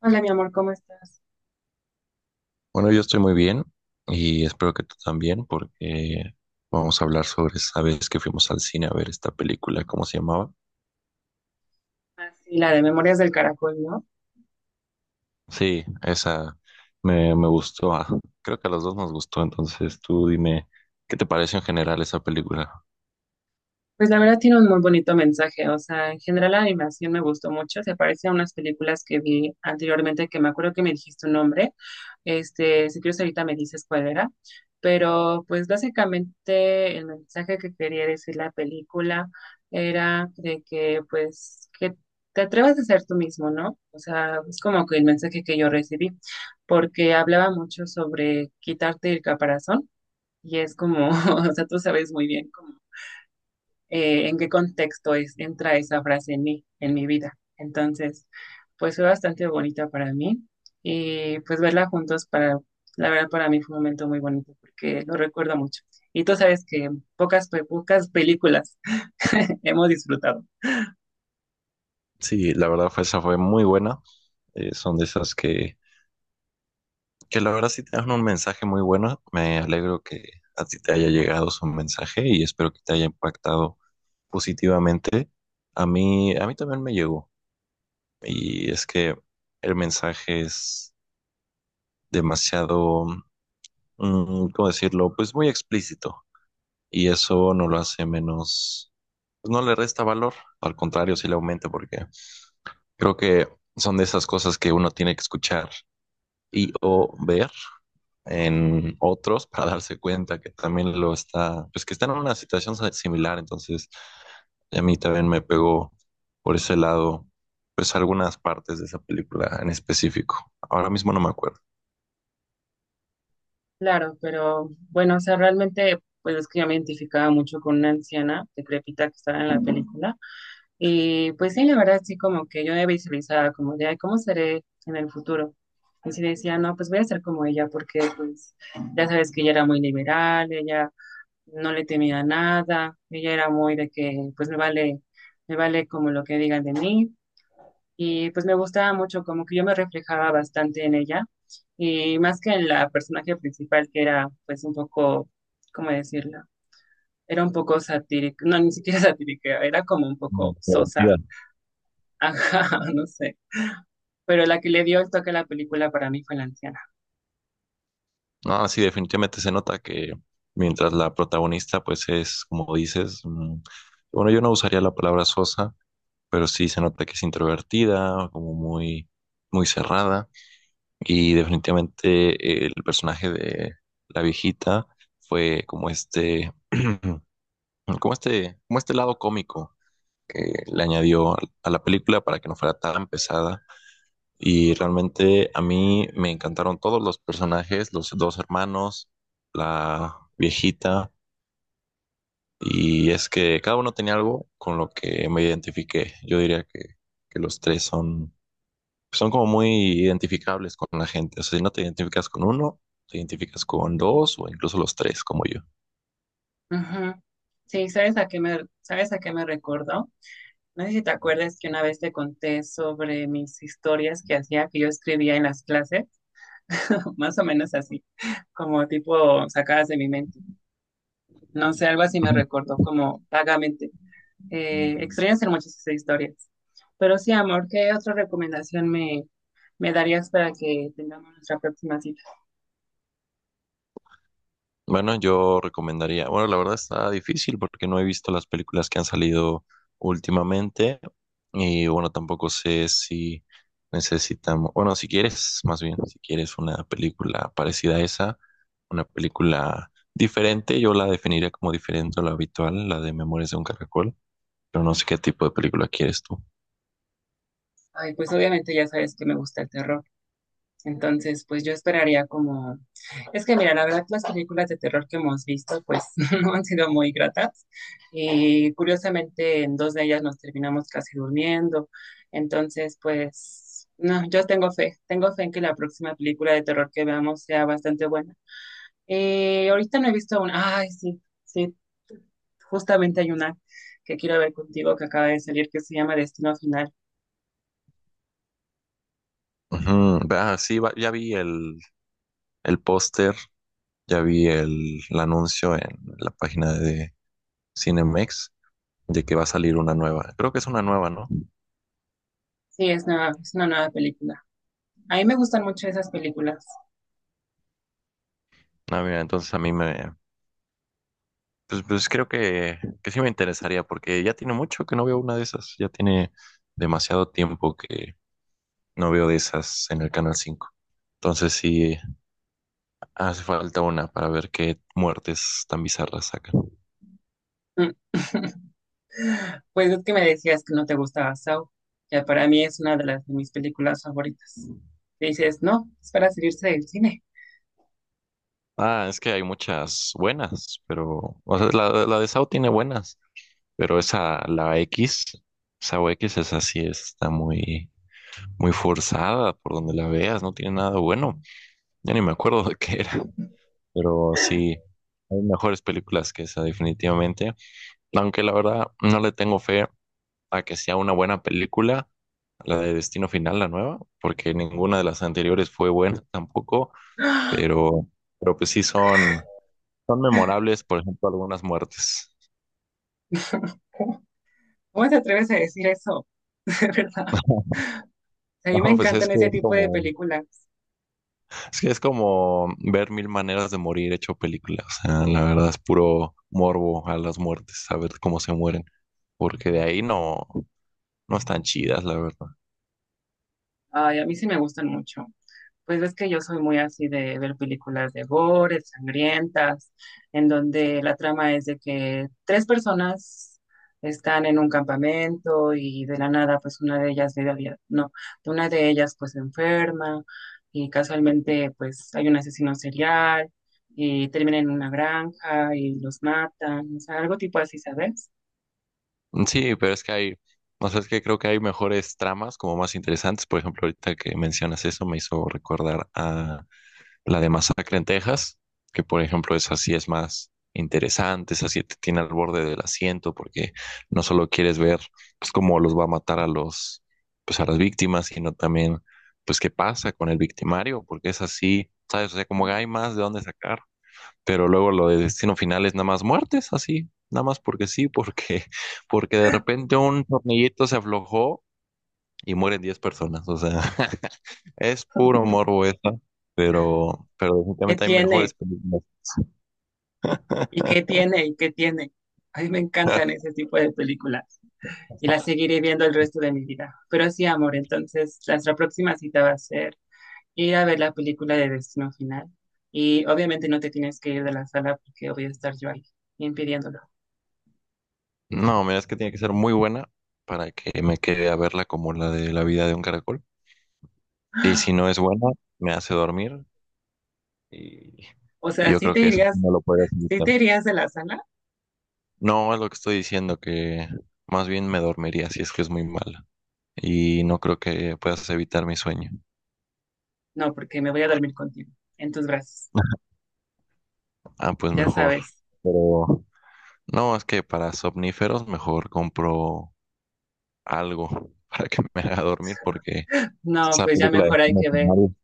Hola, mi amor, ¿cómo estás? Bueno, yo estoy muy bien y espero que tú también, porque vamos a hablar sobre esa vez que fuimos al cine a ver esta película, ¿cómo se llamaba? Ah, sí, la de Memorias del Caracol, ¿no? Sí, esa me gustó. Creo que a los dos nos gustó, entonces tú dime, ¿qué te parece en general esa película? Pues la verdad tiene un muy bonito mensaje, o sea, en general la animación me gustó mucho, se parece a unas películas que vi anteriormente que me acuerdo que me dijiste un nombre, este, si quieres ahorita me dices cuál era, pero pues básicamente el mensaje que quería decir la película era de que pues que te atrevas a ser tú mismo, ¿no? O sea, es como que el mensaje que yo recibí, porque hablaba mucho sobre quitarte el caparazón. Y es como, o sea, tú sabes muy bien como, en qué contexto es, entra esa frase en mí, en mi vida. Entonces, pues fue bastante bonita para mí y pues verla juntos para, la verdad para mí fue un momento muy bonito porque lo recuerdo mucho. Y tú sabes que pocas, pocas películas hemos disfrutado. Sí, la verdad fue esa fue muy buena. Son de esas que la verdad sí te dan un mensaje muy bueno. Me alegro que a ti te haya llegado su mensaje y espero que te haya impactado positivamente. A mí también me llegó. Y es que el mensaje es demasiado, ¿cómo decirlo? Pues muy explícito. Y eso no lo hace menos, pues no le resta valor, al contrario, sí le aumenta, porque creo que son de esas cosas que uno tiene que escuchar y o ver en otros para darse cuenta que también lo está, pues que están en una situación similar. Entonces, a mí también me pegó por ese lado, pues algunas partes de esa película en específico. Ahora mismo no me acuerdo. Claro, pero bueno, o sea, realmente pues es que yo me identificaba mucho con una anciana decrépita que estaba en la película. Y pues sí, la verdad sí, como que yo me visualizaba como de, "Ay, ¿cómo seré en el futuro? Y sí decía, no, pues voy a ser como ella, porque pues ya sabes que ella era muy liberal, ella no le temía a nada, ella era muy de que pues me vale como lo que digan de mí. Y pues me gustaba mucho, como que yo me reflejaba bastante en ella, y más que en la personaje principal, que era pues un poco, ¿cómo decirlo? Era un poco satírica, no, ni siquiera satírica, era como un poco sosa. Divertida. Ajá, no sé. Pero la que le dio el toque a la película para mí fue la anciana. Ah, sí, definitivamente se nota que mientras la protagonista, pues es, como dices, bueno, yo no usaría la palabra sosa, pero sí se nota que es introvertida, como muy, muy cerrada. Y definitivamente el personaje de la viejita fue como este, como este lado cómico que le añadió a la película para que no fuera tan pesada. Y realmente a mí me encantaron todos los personajes, los dos hermanos, la viejita, y es que cada uno tenía algo con lo que me identifiqué. Yo diría que los tres son, son como muy identificables con la gente. O sea, si no te identificas con uno, te identificas con dos o incluso los tres, como yo. Ujú. Sí, ¿sabes a qué me, sabes a qué me recordó? No sé si te acuerdas que una vez te conté sobre mis historias que hacía, que yo escribía en las clases, más o menos así, como tipo sacadas de mi mente. No sé, algo así me recordó como vagamente. Extrañas en muchas esas historias. Pero sí, amor, ¿qué otra recomendación me, me darías para que tengamos nuestra próxima cita? Bueno, yo recomendaría, bueno, la verdad está difícil porque no he visto las películas que han salido últimamente y bueno, tampoco sé si necesitamos, bueno, si quieres, más bien, si quieres una película parecida a esa, una película diferente, yo la definiría como diferente a la habitual, la de Memorias de un Caracol, pero no sé qué tipo de película quieres tú. Ay, pues obviamente ya sabes que me gusta el terror. Entonces, pues yo esperaría como... Es que mira, la verdad las películas de terror que hemos visto pues no han sido muy gratas y curiosamente en dos de ellas nos terminamos casi durmiendo. Entonces, pues no, yo tengo fe en que la próxima película de terror que veamos sea bastante buena. Ahorita no he visto una... Ay, sí, sí, justamente hay una que quiero ver contigo que acaba de salir que se llama Destino Final. Ujú, ah, sí, ya vi el póster, ya vi el anuncio en la página de Cinemex, de que va a salir una nueva. Creo que es una nueva, ¿no? Sí, es una nueva película. A mí me gustan mucho esas películas. Ah, mira, entonces a mí pues creo que sí me interesaría porque ya tiene mucho que no veo una de esas, ya tiene demasiado tiempo que no veo de esas en el Canal 5. Entonces sí hace falta una para ver qué muertes tan bizarras sacan. Mm. Pues es que me decías que no te gustaba Saw. Ya para mí es una de las de mis películas favoritas. Y dices, no, es para salirse del cine. Ah, es que hay muchas buenas, pero, o sea, la de Sao tiene buenas, pero esa, la X, Sao X, esa sí está muy, muy forzada por donde la veas, no tiene nada bueno. Ya ni me acuerdo de qué era, pero sí, hay mejores películas que esa definitivamente. Aunque la verdad no le tengo fe a que sea una buena película, la de Destino Final, la nueva, porque ninguna de las anteriores fue buena tampoco, pero, pero pues sí son memorables, por ejemplo, algunas muertes. ¿Cómo te atreves a decir eso? De verdad. A mí No, me pues encantan ese tipo de películas. es que es como ver 1000 maneras de morir hecho película. O sea, la verdad es puro morbo a las muertes, a ver cómo se mueren. Porque de ahí no están chidas, la verdad. Ay, a mí sí me gustan mucho. Pues ves que yo soy muy así de ver películas de gore, sangrientas, en donde la trama es de que tres personas están en un campamento y de la nada, pues una de ellas, no, una de ellas pues se enferma y casualmente pues hay un asesino serial y termina en una granja y los matan, o sea, algo tipo así, ¿sabes? Mm, sí, pero es que hay, o sea, es que creo que hay mejores tramas como más interesantes. Por ejemplo, ahorita que mencionas eso me hizo recordar a la de Masacre en Texas, que por ejemplo esa sí es más interesante, esa sí te tiene al borde del asiento porque no solo quieres ver pues cómo los va a matar pues a las víctimas, sino también pues qué pasa con el victimario, porque es así, ¿sabes? O sea, como que hay más de dónde sacar. Pero luego lo de Destino Final es nada más muertes, así, nada más porque sí, porque, porque de repente un tornillito se aflojó y mueren 10 personas. O sea, es puro morbo esa, pero ¿Qué definitivamente hay mejores tiene? películas. ¿Y qué tiene? ¿Y qué tiene? A mí me encantan ese tipo de películas y la seguiré viendo el resto de mi vida. Pero sí, amor, entonces nuestra próxima cita va a ser ir a ver la película de Destino Final. Y obviamente no te tienes que ir de la sala porque voy a estar yo ahí impidiéndolo. No, mira, es que tiene que ser muy buena para que me quede a verla como la de La vida de un caracol. Y si no es buena, me hace dormir y, O y sea, yo creo que eso no lo podrías sí evitar. te irías de la sala? No, es lo que estoy diciendo, que más bien me dormiría si es que es muy mala. Y no creo que puedas evitar mi sueño. No, porque me voy a dormir contigo, en tus brazos, Ah, pues ya mejor. sabes. Pero no, es que para somníferos mejor compro algo para que me haga dormir porque No, esa pues ya película de mejor hay Destino que ver, Final,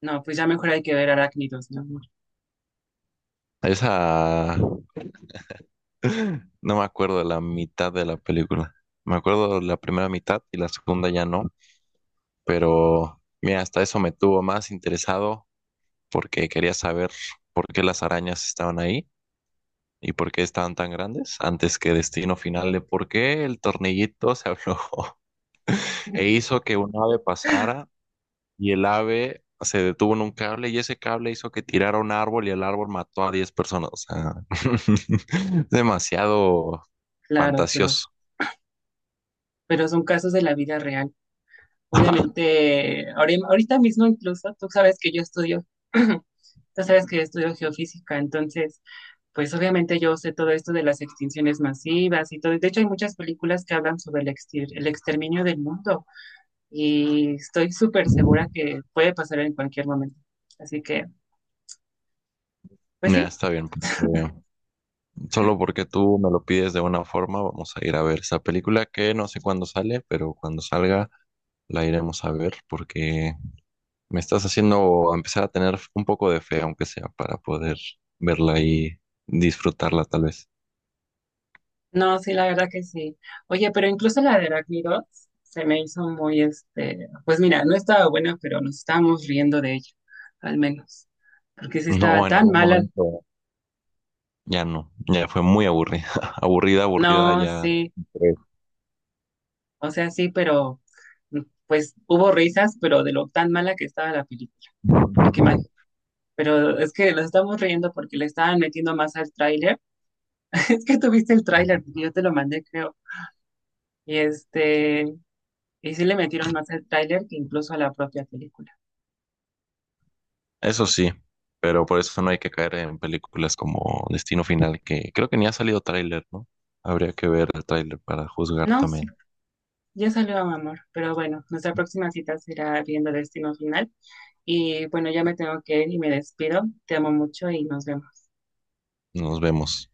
no, pues ya mejor hay que ver Arácnidos, mi amor. esa no me acuerdo de la mitad de la película. Me acuerdo de la primera mitad y la segunda ya no, pero mira, hasta eso me tuvo más interesado porque quería saber por qué las arañas estaban ahí. ¿Y por qué estaban tan grandes? Antes que destino final de por qué el tornillito se aflojó e hizo que un ave pasara y el ave se detuvo en un cable y ese cable hizo que tirara un árbol y el árbol mató a 10 personas. O sea, es demasiado Claro, fantasioso. pero son casos de la vida real. Obviamente, ahorita mismo incluso, tú sabes que yo estudio tú sabes que yo estudio geofísica, entonces, pues obviamente yo sé todo esto de las extinciones masivas y todo. De hecho, hay muchas películas que hablan sobre el, el exterminio del mundo y estoy súper segura que puede pasar en cualquier momento. Así que, pues Ya, sí, está bien. Porque Solo porque tú me lo pides de una forma, vamos a ir a ver esa película que no sé cuándo sale, pero cuando salga la iremos a ver, porque me estás haciendo empezar a tener un poco de fe, aunque sea, para poder verla y disfrutarla tal vez. no, sí, la verdad que sí. Oye, pero incluso la de Heráclitos se me hizo muy, este, pues mira, no estaba buena, pero nos estábamos riendo de ella, al menos, porque sí estaba No, en tan algún mala. momento ya no, ya fue muy aburrida, aburrida, aburrida, No, ya. sí. Tres. O sea, sí, pero mm, pues hubo risas, pero de lo tan mala que estaba la película. Porque ma- pero es que nos estamos riendo porque le estaban metiendo más al tráiler. Es que tuviste el tráiler, porque yo te lo mandé, creo. Y este, y sí le metieron más al tráiler que incluso a la propia película. Eso sí, pero por eso no hay que caer en películas como Destino Final, que creo que ni ha salido tráiler, ¿no? Habría que ver el tráiler para juzgar No, también. sí, ya salió amor. Pero bueno, nuestra próxima cita será viendo Destino Final. Y bueno, ya me tengo que ir y me despido. Te amo mucho y nos vemos. Nos vemos.